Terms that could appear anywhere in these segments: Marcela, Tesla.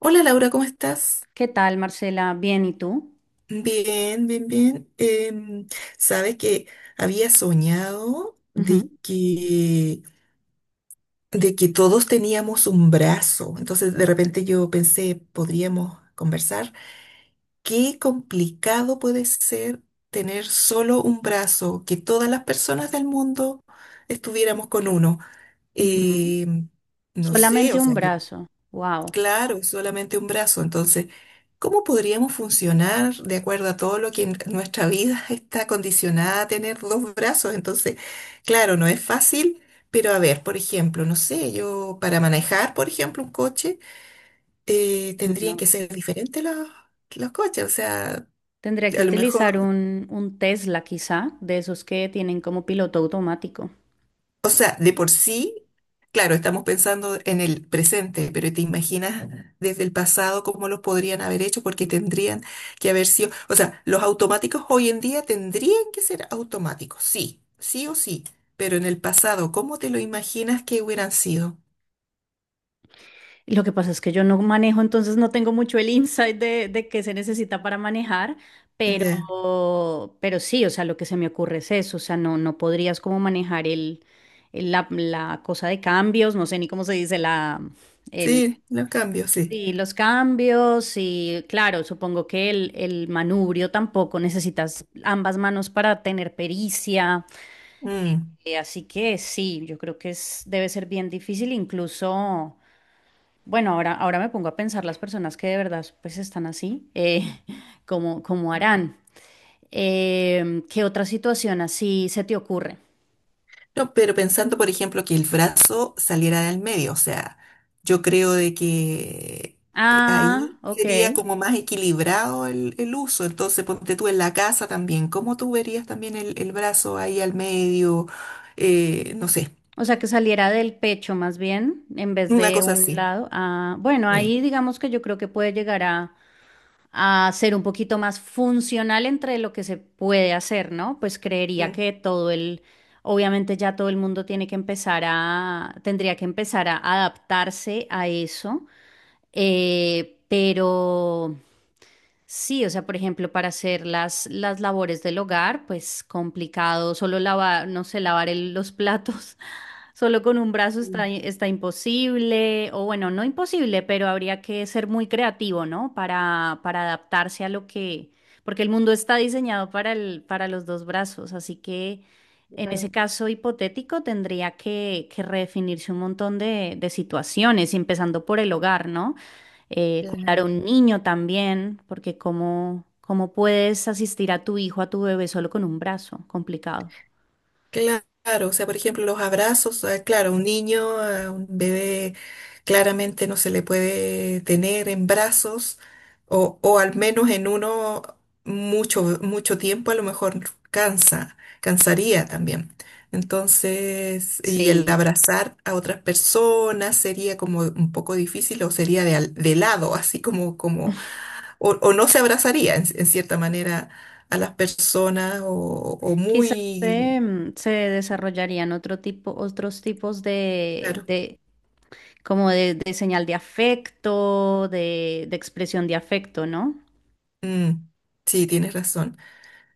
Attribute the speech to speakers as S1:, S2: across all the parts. S1: Hola Laura, ¿cómo estás?
S2: ¿Qué tal, Marcela? Bien, ¿y tú?
S1: Bien, bien, bien. Sabes que había soñado de
S2: Ujú,
S1: que, de que todos teníamos un brazo. Entonces de repente yo pensé, podríamos conversar. Qué complicado puede ser tener solo un brazo, que todas las personas del mundo estuviéramos con uno.
S2: ujú.
S1: Em, no sé, o
S2: Solamente un
S1: sea, yo...
S2: brazo. Wow.
S1: Claro, es solamente un brazo. Entonces, ¿cómo podríamos funcionar de acuerdo a todo lo que en nuestra vida está condicionada a tener dos brazos? Entonces, claro, no es fácil, pero a ver, por ejemplo, no sé, yo para manejar, por ejemplo, un coche, tendrían
S2: No.
S1: que ser diferentes los coches. O sea,
S2: Tendría que
S1: a lo
S2: utilizar
S1: mejor.
S2: un Tesla, quizá, de esos que tienen como piloto automático.
S1: O sea, de por sí, claro, estamos pensando en el presente, pero te imaginas desde el pasado cómo los podrían haber hecho, porque tendrían que haber sido, o sea, los automáticos hoy en día tendrían que ser automáticos, sí, sí o sí, pero en el pasado, ¿cómo te lo imaginas que hubieran sido?
S2: Y lo que pasa es que yo no manejo, entonces no tengo mucho el insight de qué se necesita para manejar, pero,
S1: Ya.
S2: pero sí, o sea, lo que se me ocurre es eso, o sea, no, no podrías como manejar la cosa de cambios, no sé ni cómo se dice, la...
S1: Sí, los cambios, sí.
S2: Sí, los cambios y claro, supongo que el manubrio tampoco necesitas ambas manos para tener pericia.
S1: Mm.
S2: Así que sí, yo creo que es, debe ser bien difícil, incluso, bueno, ahora me pongo a pensar las personas que de verdad pues están así, ¿cómo, cómo harán? ¿Qué otra situación así se te ocurre?
S1: No, pero pensando, por ejemplo, que el brazo saliera del medio, o sea, yo creo de que
S2: Ah,
S1: ahí
S2: ok.
S1: sería como más equilibrado el uso. Entonces, ponte tú en la casa también, ¿cómo tú verías también el brazo ahí al medio? No sé,
S2: O sea, que saliera del pecho más bien, en vez
S1: una
S2: de
S1: cosa
S2: un
S1: así.
S2: lado. Ah, bueno,
S1: Sí.
S2: ahí digamos que yo creo que puede llegar a ser un poquito más funcional entre lo que se puede hacer, ¿no? Pues creería
S1: Sí.
S2: que todo el, obviamente ya todo el mundo tiene que empezar a, tendría que empezar a adaptarse a eso, pero... Sí, o sea, por ejemplo, para hacer las labores del hogar, pues complicado, solo lavar, no sé, lavar los platos, solo con un brazo está,
S1: Mm.
S2: está imposible, o bueno, no imposible, pero habría que ser muy creativo, ¿no? Para adaptarse a lo que, porque el mundo está diseñado para el, para los dos brazos, así que
S1: Sí,
S2: en ese
S1: claro.
S2: caso hipotético tendría que redefinirse un montón de situaciones, empezando por el hogar, ¿no? Cuidar a un niño también, porque cómo, cómo puedes asistir a tu hijo, a tu bebé solo con un brazo, complicado.
S1: Claro, o sea, por ejemplo, los abrazos, claro, un niño, a un bebé claramente no se le puede tener en brazos o al menos en uno mucho, mucho tiempo, a lo mejor cansa, cansaría también. Entonces, y el
S2: Sí,
S1: abrazar a otras personas sería como un poco difícil o sería de, al- de lado, así como, como, o no se abrazaría en cierta manera a las personas o
S2: quizás se,
S1: muy...
S2: se desarrollarían otro tipo, otros tipos
S1: Claro.
S2: de como de señal de afecto, de expresión de afecto, ¿no?
S1: Mm, sí, tienes razón.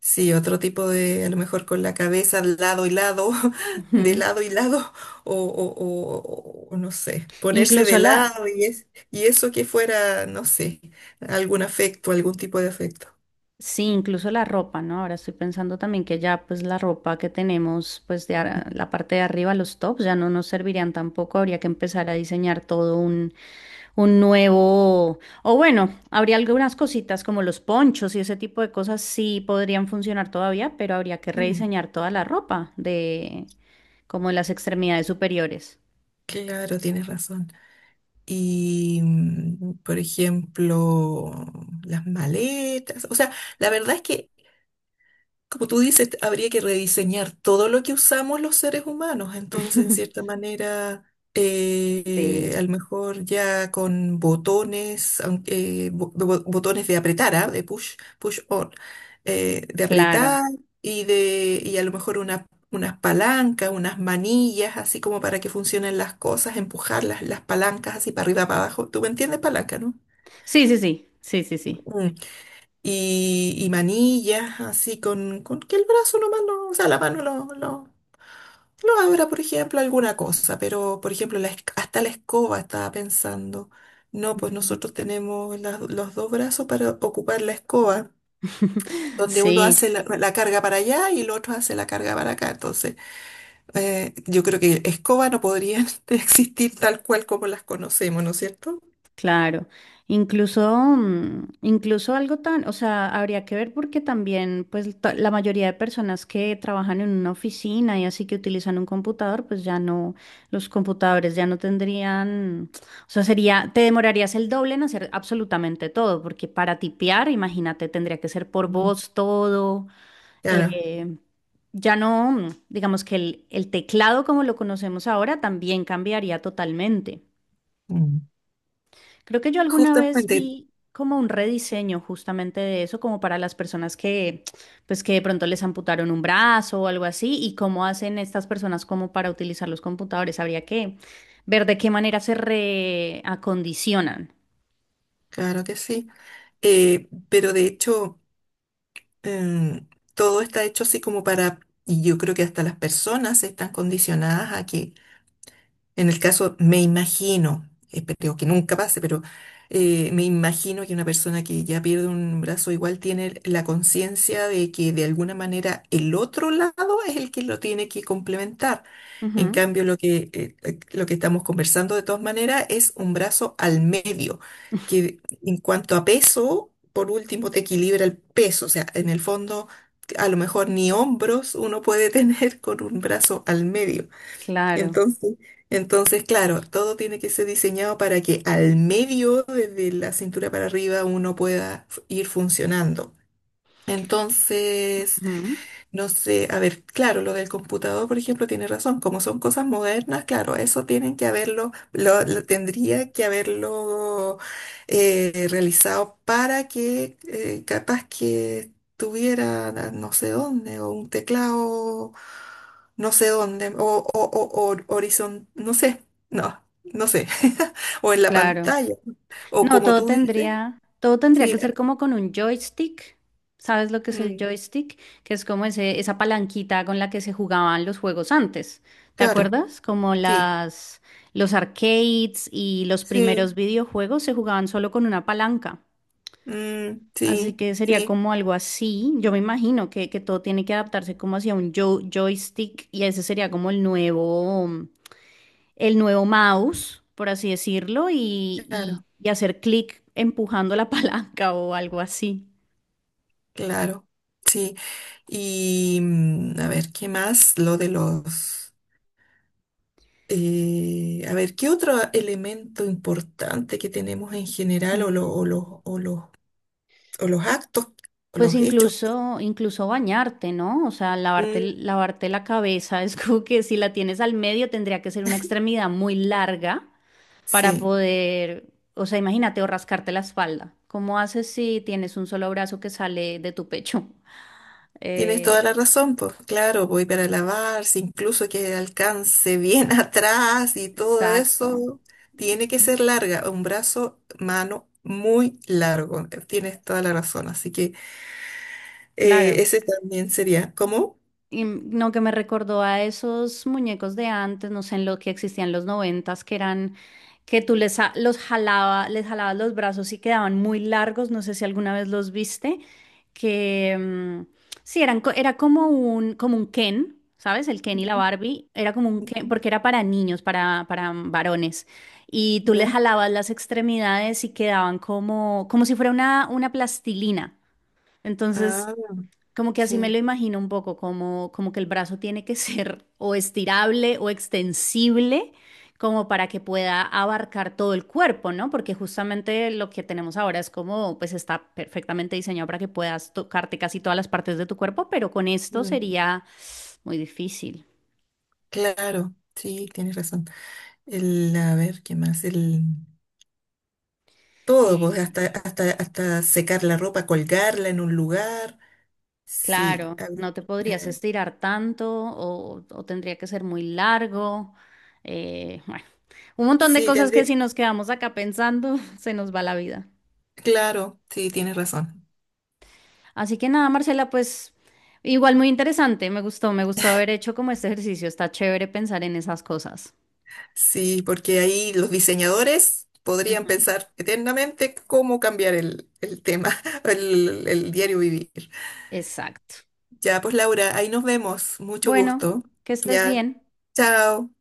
S1: Sí, otro tipo de, a lo mejor con la cabeza al lado y lado, de
S2: Ujú.
S1: lado y lado, o no sé, ponerse de
S2: Incluso la...
S1: lado y, es, y eso que fuera, no sé, algún afecto, algún tipo de afecto.
S2: Sí, incluso la ropa, ¿no? Ahora estoy pensando también que ya pues la ropa que tenemos pues de ar-
S1: Mm,
S2: la parte de arriba, los tops, ya no nos servirían tampoco, habría que empezar a diseñar todo un nuevo, o bueno, habría algunas cositas como los ponchos y ese tipo de cosas sí podrían funcionar todavía, pero habría que
S1: mm,
S2: rediseñar toda la ropa de como las extremidades superiores.
S1: claro, tienes razón. Y, por ejemplo, las maletas, o sea, la verdad es que... Como tú dices, habría que rediseñar todo lo que usamos los seres humanos. Entonces, en cierta manera, a
S2: Sí,
S1: lo mejor ya con botones, aunque, bo- bo- botones de apretar, ¿ah? De push, push on, de
S2: claro.
S1: apretar y de, y a lo mejor una- unas palancas, unas manillas, así como para que funcionen las cosas, empujar las palancas así para arriba, para abajo. ¿Tú me entiendes, palanca, no?
S2: Sí, sí, sí, sí, sí, sí.
S1: Y, y manillas, así con que el brazo nomás no, o sea, la mano lo abra, por ejemplo, alguna cosa, pero por ejemplo, la esc- hasta la escoba estaba pensando. No, pues
S2: Ujú.
S1: nosotros tenemos las- los dos brazos para ocupar la escoba, donde uno
S2: Sí.
S1: hace la, la carga para allá y el otro hace la carga para acá. Entonces, yo creo que escoba no podrían existir tal cual como las conocemos, ¿no es cierto?
S2: Claro, incluso, incluso algo tan, o sea, habría que ver porque también, pues, ta- la mayoría de personas que trabajan en una oficina y así que utilizan un computador, pues ya no, los computadores ya no tendrían, o sea, sería, te demorarías el doble en hacer absolutamente todo, porque para tipear, imagínate, tendría que ser por
S1: Mm.
S2: voz todo,
S1: Claro.
S2: eh, ya no, digamos que el teclado como lo conocemos ahora también cambiaría totalmente.
S1: Mm.
S2: Creo que yo alguna vez
S1: Justamente,
S2: vi como un rediseño justamente de eso, como para las personas que, pues que de pronto les amputaron un brazo o algo así, y cómo hacen estas personas como para utilizar los computadores. Habría que ver de qué manera se reacondicionan.
S1: claro que sí. Pero de hecho. em, Todo está hecho así como para, y yo creo que hasta las personas están condicionadas a que en el caso, me imagino, espero que nunca pase, pero me imagino que una persona que ya pierde un brazo igual tiene la conciencia de que de alguna manera el otro lado es el que lo tiene que complementar. En
S2: Ujú,
S1: cambio, lo que estamos conversando de todas maneras es un brazo al medio, que en cuanto a peso, por último, te equilibra el peso. O sea, en el fondo, a lo mejor ni hombros uno puede tener con un brazo al medio.
S2: claro,
S1: Entonces, entonces, claro, todo tiene que ser diseñado para que al medio, desde la cintura para arriba, uno pueda f- ir funcionando. Entonces,
S2: ujú,
S1: no sé, a ver, claro, lo del computador, por ejemplo, tiene razón. Como son cosas modernas, claro, eso tienen que haberlo, lo tendría que haberlo realizado para que capaz que tuviera na- no sé dónde, o un teclado, no sé dónde, o horizon, no sé, no, no sé, o en la
S2: claro.
S1: pantalla, o
S2: No,
S1: como tú dices,
S2: todo tendría
S1: sí,
S2: que ser como con un joystick. ¿Sabes lo que es el
S1: mm,
S2: joystick? Que es como ese, esa palanquita con la que se jugaban los juegos antes. ¿Te
S1: claro,
S2: acuerdas? Como
S1: sí,
S2: las, los arcades y los primeros
S1: sí,
S2: videojuegos se jugaban solo con una palanca.
S1: mm,
S2: Así
S1: sí,
S2: que sería
S1: sí.
S2: como algo así. Yo me imagino que todo tiene que adaptarse como hacia un joystick y ese sería como el nuevo mouse, por así decirlo, y,
S1: Claro,
S2: y hacer clic empujando la palanca o algo así.
S1: claro, sí. Y a ver, ¿qué más? Lo de los... A ver, ¿qué otro elemento importante que tenemos en general o, lo- o los,
S2: Mm.
S1: o los actos o
S2: Pues
S1: los hechos?
S2: incluso, incluso bañarte, ¿no? O sea, lavarte,
S1: Mm,
S2: lavarte la cabeza. Es como que si la tienes al medio tendría que ser una extremidad muy larga para
S1: sí,
S2: poder, o sea, imagínate, o rascarte la espalda. ¿Cómo haces si tienes un solo brazo que sale de tu pecho?
S1: tienes toda
S2: Eh,
S1: la razón, pues claro, voy para lavarse, incluso que alcance bien atrás y todo
S2: exacto.
S1: eso, tiene que ser larga, un brazo, mano muy largo, tienes toda la razón, así que...
S2: Claro.
S1: ese también sería, ¿cómo?
S2: Y no, que me recordó a esos muñecos de antes, no sé, en lo que existían en los noventas, que eran, que tú los jalaba, les jalabas los brazos y quedaban muy largos, no sé si alguna vez los viste, que sí, eran, era como un Ken, ¿sabes? El Ken y
S1: Ujú,
S2: la Barbie, era como un
S1: ujú.
S2: Ken, porque era para niños, para varones. Y tú les
S1: ¿Ya?
S2: jalabas las extremidades y quedaban como, como si fuera una plastilina. Entonces...
S1: Ah,
S2: Como que así me
S1: sí.
S2: lo imagino un poco, como, como que el brazo tiene que ser o estirable o extensible, como para que pueda abarcar todo el cuerpo, ¿no? Porque justamente lo que tenemos ahora es como, pues está perfectamente diseñado para que puedas tocarte casi todas las partes de tu cuerpo, pero con esto
S1: Mm,
S2: sería muy difícil.
S1: claro, sí, tienes razón. El, a ver, ¿qué más? El todo, pues,
S2: Eh,
S1: hasta, hasta, hasta secar la ropa, colgarla en un lugar. Sí,
S2: claro,
S1: habría-
S2: no te podrías
S1: eh,
S2: estirar tanto o tendría que ser muy largo. Bueno, un montón de
S1: sí,
S2: cosas que
S1: tendría.
S2: si nos quedamos acá pensando, se nos va la vida.
S1: Claro, sí, tienes razón.
S2: Así que nada, Marcela, pues igual muy interesante, me gustó haber hecho como este ejercicio, está chévere pensar en esas cosas.
S1: Sí, porque ahí los diseñadores podrían
S2: Ujú.
S1: pensar eternamente cómo cambiar el tema, el diario vivir.
S2: Exacto.
S1: Ya, pues Laura, ahí nos vemos. Mucho
S2: Bueno,
S1: gusto.
S2: que estés
S1: Ya,
S2: bien.
S1: chao.